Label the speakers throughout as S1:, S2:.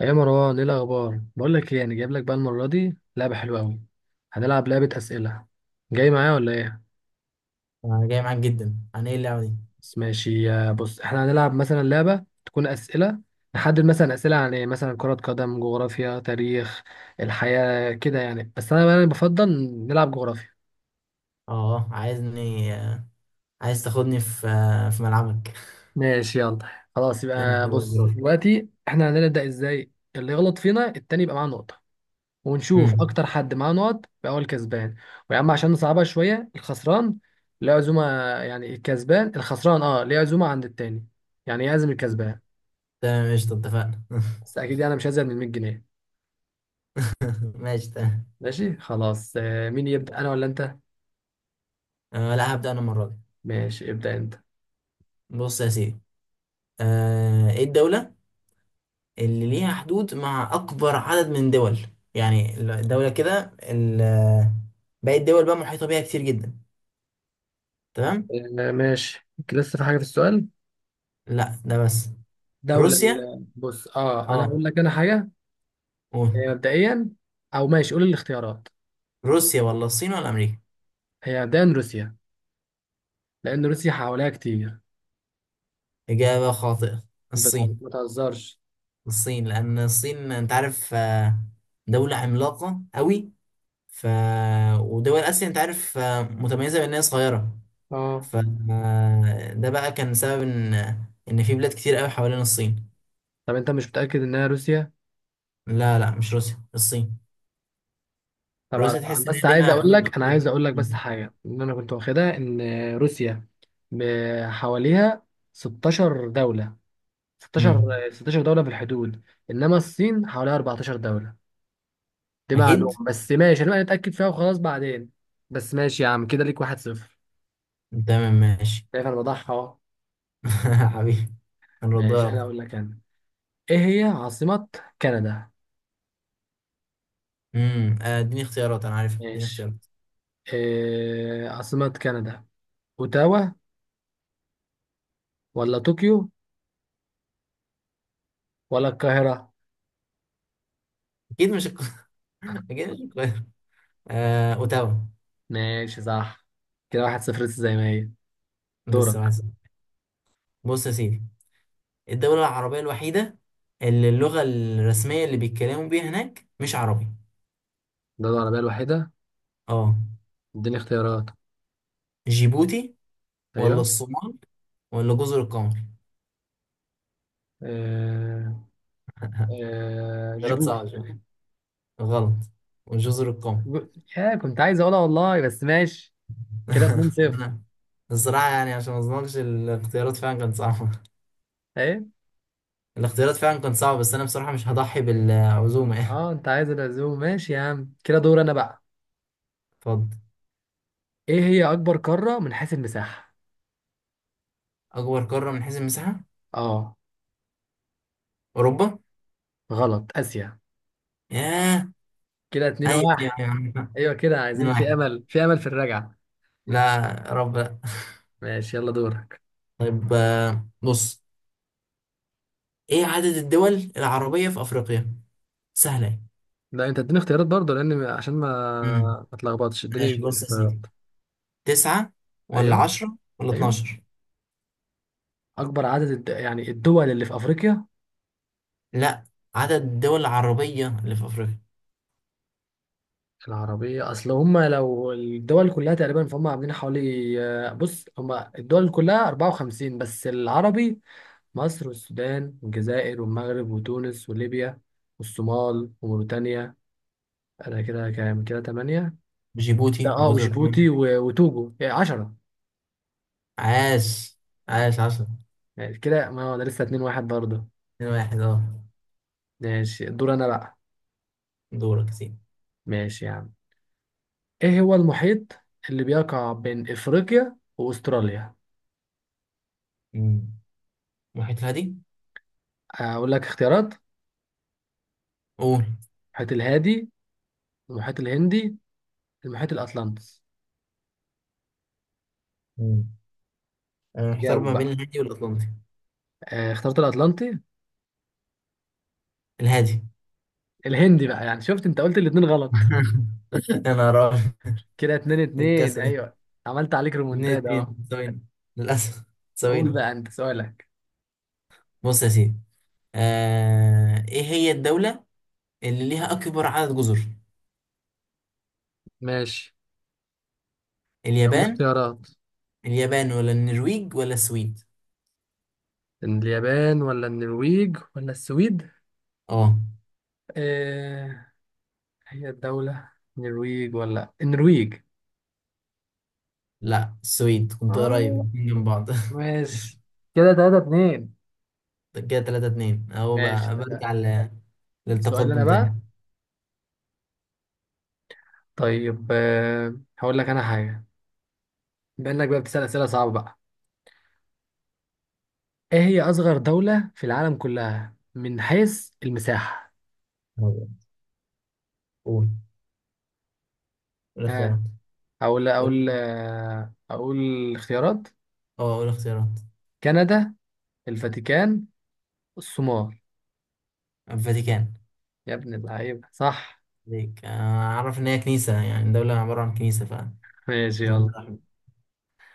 S1: يا مروان، ايه الاخبار؟ بقول لك ايه، يعني جايب لك بقى المره دي لعبه حلوه قوي. هنلعب لعبه اسئله. جاي معايا ولا ايه؟
S2: انا جاي معاك جدا. عن ايه اللعبه دي؟
S1: بس ماشي، يا بص احنا هنلعب مثلا لعبه تكون اسئله. نحدد مثلا اسئله عن ايه، مثلا كره قدم، جغرافيا، تاريخ، الحياه كده يعني. بس انا يعني بفضل نلعب جغرافيا.
S2: اه عايزني، عايز تاخدني في في ملعبك.
S1: ماشي يلا. خلاص،
S2: ماشي
S1: يبقى
S2: يلا
S1: بص
S2: بروح.
S1: دلوقتي احنا هنبدا ازاي، اللي يغلط فينا التاني يبقى معاه نقطه. ونشوف
S2: امم.
S1: اكتر حد معاه نقط بقى هو الكسبان. ويا عم، عشان نصعبها شويه، الخسران ليه عزومه، يعني الكسبان الخسران، اه ليه عزومه عند التاني، يعني يعزم الكسبان.
S2: تمام قشطه اتفقنا.
S1: بس اكيد يعني، انا مش هزيد من 100 جنيه.
S2: ماشي تمام.
S1: ماشي خلاص، مين يبدا، انا ولا انت؟
S2: آه لا هبدا انا المره دي.
S1: ماشي، ابدا انت.
S2: بص يا سيدي، آه ايه الدوله اللي ليها حدود مع اكبر عدد من دول؟ يعني الدوله كده باقي الدول بقى محيطه بيها كتير جدا. تمام.
S1: ماشي، لسه في حاجه في السؤال؟
S2: لا ده بس.
S1: دوله
S2: روسيا.
S1: بص، اه انا
S2: اه
S1: هقول لك انا حاجه.
S2: قول.
S1: مبدئيا. او ماشي، قول الاختيارات.
S2: روسيا ولا الصين ولا امريكا؟
S1: هي مبدئيا روسيا، لان روسيا حواليها كتير.
S2: اجابه خاطئه،
S1: بت-
S2: الصين.
S1: ما تهزرش.
S2: الصين لان الصين انت عارف، دولة عملاقة قوي. ف ودول اسيا انت عارف، متميزة بان هي صغيرة.
S1: اه.
S2: ف ده بقى كان سبب ان في بلاد كتير قوي حوالين الصين.
S1: طب انت مش متاكد انها روسيا؟
S2: لا لا، مش روسيا، الصين.
S1: طبعا،
S2: روسيا
S1: أنا
S2: تحس ان هي
S1: بس عايز
S2: ليها
S1: اقول
S2: حدود
S1: لك انا
S2: اكتر.
S1: عايز اقول لك بس
S2: مم.
S1: حاجه، ان انا كنت واخدها ان روسيا حواليها 16 دوله، 16،
S2: مم.
S1: 16 دوله في الحدود. انما الصين حواليها 14 دوله. دي
S2: اكيد.
S1: معلومه بس، ماشي انا اتاكد فيها وخلاص بعدين. بس ماشي يا عم، كده ليك واحد صفر.
S2: تمام ماشي.
S1: شايف انا بضحى اهو.
S2: حبيبي،
S1: ماشي،
S2: هنردها لك.
S1: انا اقول لك انا، ايه هي عاصمه كندا؟
S2: امم، اديني اختيارات، انا عارف، اديني
S1: ماشي.
S2: اختيارات.
S1: إيه عاصمه كندا، اوتاوا ولا طوكيو ولا القاهره؟
S2: اكيد مش القاهرة. اكيد مش القاهرة. آه، اوتاوا.
S1: ماشي صح. كده واحد صفر لسه زي ما هي. دورك.
S2: لسه واحد صفر. بص يا سيدي، الدولة العربية الوحيدة اللي اللغة الرسمية اللي بيتكلموا بيها هناك مش عربي.
S1: دولة عربية الوحيدة؟
S2: اه
S1: اديني اختيارات.
S2: جيبوتي ولا
S1: ايوه.
S2: الصومال ولا جزر القمر.
S1: آه...
S2: ثلاث
S1: جيبوتي.
S2: صعب شوية. غلط، وجزر القمر.
S1: يا كنت عايز اقولها والله، بس ماشي. كده 2 0
S2: أنا الصراحة يعني عشان ما اظلمكش، الاختيارات فعلا كانت صعبة،
S1: ايه؟
S2: الاختيارات فعلا كانت صعبة، بس أنا بصراحة مش هضحي بالعزومة يعني.
S1: اه، انت عايز العزوم. ماشي يا عم، كده دور انا بقى.
S2: اتفضل.
S1: ايه هي اكبر قارة من حيث المساحة؟
S2: أكبر قارة من حيث المساحة.
S1: اه.
S2: أوروبا.
S1: غلط، اسيا.
S2: ياه.
S1: كده 2
S2: أيوه أيوه
S1: 1
S2: أيوه.
S1: ايوه كده،
S2: اتنين
S1: عايزين في
S2: واحد.
S1: امل، في امل في الرجعة.
S2: لا، يا رب لا.
S1: ماشي يلا، دورك.
S2: طيب، بص، ايه عدد الدول العربية في افريقيا؟ سهلة اهي.
S1: لا، انت اديني اختيارات برضه، لان عشان ما
S2: امم
S1: ما اتلخبطش، اديني
S2: ماشي. بص يا سيدي،
S1: اختيارات.
S2: تسعة ولا
S1: ايوه،
S2: عشرة ولا
S1: ايوه،
S2: اتناشر.
S1: اكبر عدد يعني الدول اللي في افريقيا.
S2: لا، عدد الدول العربية اللي في افريقيا.
S1: العربيه، اصل هم لو الدول كلها تقريبا فهم عاملين حوالي. بص هم الدول كلها 54، بس العربي مصر والسودان والجزائر والمغرب وتونس وليبيا والصومال وموريتانيا. انا كده كام، كده 8.
S2: جيبوتي
S1: اه،
S2: وجزر
S1: وجيبوتي،
S2: القمر.
S1: وتوجو، يعني 10.
S2: عاش، عاش عشرة.
S1: يعني كده، ما هو ده لسه 2-1 برضه.
S2: اتنين واحد، اه.
S1: ماشي، الدور انا بقى.
S2: دورك يا سيدي.
S1: ماشي يا عم. ايه هو المحيط اللي بيقع بين افريقيا واستراليا؟
S2: امم، محيط الهادي.
S1: اقول لك اختيارات؟
S2: قول.
S1: المحيط الهادي، المحيط الهندي، المحيط الاطلنطي.
S2: مم. انا محتار
S1: جاوب
S2: ما بين
S1: بقى.
S2: الهادي والاطلنطي.
S1: اخترت الاطلنطي؟
S2: الهادي.
S1: الهندي بقى، يعني شفت، انت قلت الاتنين غلط.
S2: يا نهار أبيض،
S1: كده اتنين
S2: إيه
S1: اتنين،
S2: الكسل ده؟
S1: ايوه. عملت عليك
S2: اتنين
S1: ريمونتاد،
S2: اتنين
S1: اه.
S2: سوينا، للأسف
S1: قول
S2: سوينا.
S1: بقى انت سؤالك.
S2: بص يا سيدي، ايه هي الدولة اللي ليها أكبر عدد جزر؟
S1: ماشي، قول
S2: اليابان.
S1: اختيارات.
S2: اليابان ولا النرويج ولا السويد.
S1: اليابان ولا النرويج ولا السويد؟
S2: اه
S1: آه هي الدولة، النرويج ولا النرويج؟
S2: لا، السويد كنت قريب،
S1: اه.
S2: الاتنين جنب بعض.
S1: ماشي. كده تلاتة اتنين.
S2: ده كده تلاتة اتنين اهو،
S1: ماشي
S2: بقى
S1: تمام.
S2: برجع
S1: السؤال انا
S2: للتقدم تاني.
S1: بقى. طيب، هقول لك انا حاجه. بما انك بقى بتسال اسئله صعبه بقى، ايه هي اصغر دوله في العالم كلها من حيث المساحه؟
S2: طيب، قول، قول اختيارات.
S1: ها.
S2: قول.
S1: اقول اختيارات.
S2: اه قول اختيارات.
S1: كندا، الفاتيكان، الصومال.
S2: الفاتيكان.
S1: يا ابن اللعيبه، صح.
S2: ليك، اعرف ان هي كنيسة، يعني دولة عبارة عن كنيسة، ف
S1: ماشي
S2: ظل
S1: يلا،
S2: أحمر.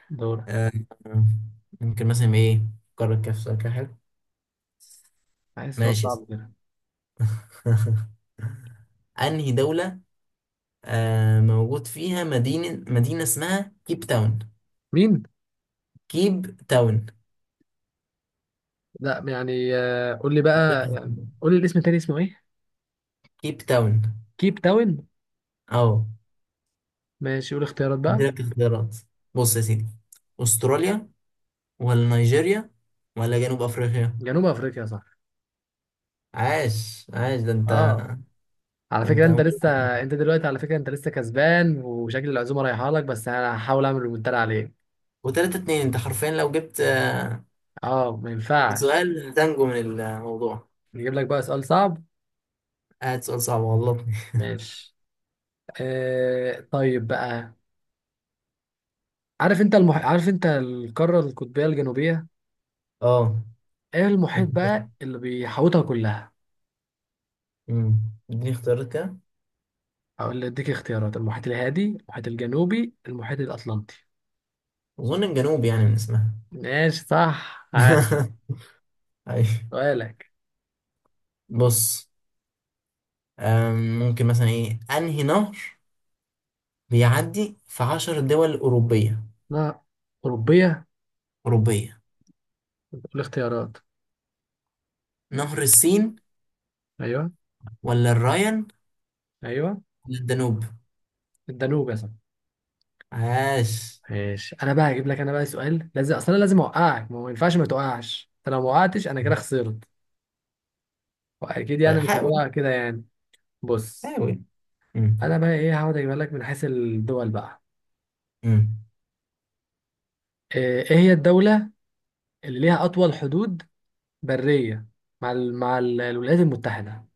S1: دورك.
S2: آه، آه، ممكن مثلا ايه قارة كاف، سؤال كده حلو.
S1: عايز سؤال
S2: ماشي يا سيدي.
S1: صعب كده.
S2: انهي دولة آه موجود فيها مدينة اسمها كيب تاون؟
S1: مين؟
S2: كيب تاون.
S1: لا، يعني قول لي بقى، يعني قول لي الاسم التاني اسمه ايه.
S2: كيب تاون.
S1: كيب تاون.
S2: اه.
S1: ماشي، قول اختيارات بقى.
S2: عندك اختيارات، بص يا سيدي، استراليا ولا نيجيريا ولا جنوب افريقيا.
S1: جنوب افريقيا، صح.
S2: عاش عاش، ده انت.
S1: اه، على
S2: ده
S1: فكرة انت
S2: انت.
S1: لسه. انت دلوقتي على فكرة انت لسه كسبان، وشكل العزومة رايحة لك، بس انا هحاول اعمل ريمونتادا عليك.
S2: وتلاتة اتنين، انت حرفيا لو جبت
S1: اه، ما ينفعش.
S2: سؤال هتنجو من الموضوع.
S1: نجيب لك بقى سؤال صعب.
S2: قاعد سؤال صعب غلطني.
S1: ماشي. طيب بقى. عارف انت القارة القطبية الجنوبية؟
S2: اه
S1: ايه
S2: انت.
S1: المحيط بقى اللي بيحوطها كلها؟
S2: امم، اديني اختيارات كده.
S1: او اللي اديك اختيارات. المحيط الهادي، المحيط الجنوبي، المحيط الاطلنطي.
S2: اظن الجنوب، يعني من اسمها.
S1: ماشي صح. ها،
S2: أيوة.
S1: سؤالك؟
S2: بص، ممكن مثلا ايه انهي نهر بيعدي في عشر دول اوروبيه؟
S1: لا، اوروبية.
S2: اوروبيه.
S1: الاختيارات؟
S2: نهر السين
S1: ايوه،
S2: ولا الراين
S1: ايوه،
S2: ولا الدانوب.
S1: الدانوب يا صاحبي.
S2: عاش.
S1: ماشي، انا بقى هجيب لك انا بقى سؤال، لازم اصلا لازم اوقعك. ما هو ما ينفعش ما توقعش انت، لو ما وقعتش انا كده خسرت. واكيد
S2: طيب
S1: يعني، مش
S2: حاول،
S1: هبقى كده يعني. بص،
S2: حاول. مم.
S1: انا بقى ايه، هقعد اجيب لك من حيث الدول بقى.
S2: مم.
S1: إيه هي الدولة اللي ليها اطول حدود برية مع الولايات المتحدة.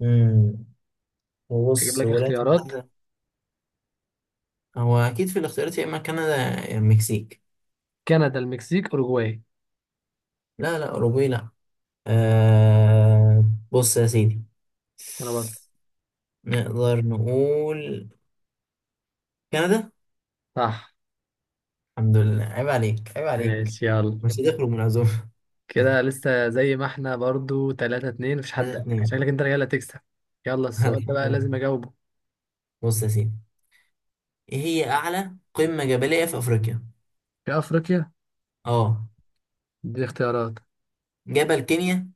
S2: مم.
S1: هجيب
S2: بص
S1: لك
S2: الولايات
S1: اختيارات.
S2: المتحده. هو اكيد في الاختيارات يا اما كندا يا المكسيك.
S1: كندا، المكسيك، اوروجواي.
S2: لا لا، اوروبي لا. أه بص يا سيدي،
S1: انا بس.
S2: نقدر نقول كندا.
S1: صح
S2: الحمد لله، عيب عليك، عيب عليك،
S1: ماشي يلا.
S2: مش هتخرج من العزومه.
S1: كده لسه زي ما احنا برضو 3-2، مفيش حد.
S2: 3.
S1: شكلك انت رجاله تكسب. يلا، السؤال ده
S2: الحمد
S1: بقى لازم
S2: لله.
S1: اجاوبه.
S2: بص يا سيدي، ايه هي اعلى قمة جبلية في افريقيا؟
S1: في افريقيا؟
S2: اه.
S1: دي اختيارات.
S2: جبل كينيا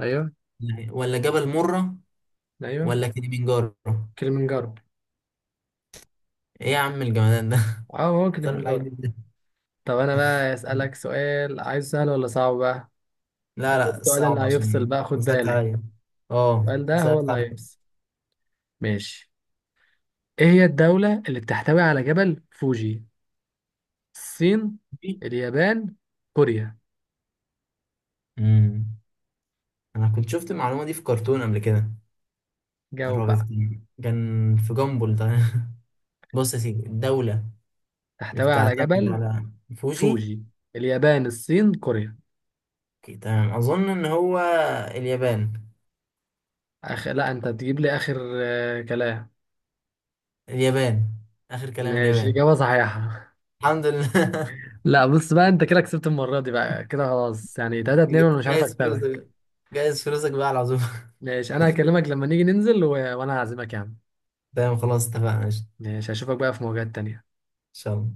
S1: ايوه،
S2: لا، ولا جبل مرة،
S1: ايوه،
S2: ولا كليمنجارو.
S1: كليمنجارو.
S2: ايه يا عم الجمدان ده.
S1: اه، هو
S2: بتعرف الحاجات دي
S1: كليمنجارو.
S2: إزاي؟
S1: طب، انا بقى اسالك سؤال، عايز سهل ولا صعب بقى؟
S2: لا لا،
S1: السؤال اللي
S2: صعب،
S1: هيفصل
S2: عشان
S1: بقى، خد
S2: صعبت
S1: بالك.
S2: عليا. اه
S1: السؤال ده هو
S2: صعبت
S1: اللي
S2: عليا.
S1: هيفصل. ماشي. ايه هي الدولة اللي بتحتوي على جبل فوجي؟ الصين، اليابان، كوريا.
S2: امم، انا كنت شفت المعلومة دي في كرتون قبل كده.
S1: جاوب
S2: عربت،
S1: بقى.
S2: كان في جامبل ده. بص يا سيدي، الدولة اللي
S1: تحتوي على
S2: بتعتمد
S1: جبل
S2: على فوجي.
S1: فوجي. اليابان، الصين، كوريا.
S2: تمام، اظن ان هو اليابان.
S1: لا، انت تجيب لي اخر كلام.
S2: اليابان، آخر كلام
S1: ماشي،
S2: اليابان.
S1: اجابة صحيحة.
S2: الحمد لله.
S1: لا، بص بقى، انت كده كسبت المرة دي، بقى كده خلاص يعني، 3-2، وانا مش عارف
S2: جايز
S1: اكسبك.
S2: فلوسك، جايز فلوسك بقى على العزومة.
S1: ماشي، انا هكلمك لما نيجي ننزل وانا هعزمك يا عم.
S2: تمام خلاص اتفقنا ماشي. إن
S1: ماشي، هشوفك بقى في مواجهات تانية.
S2: شاء الله.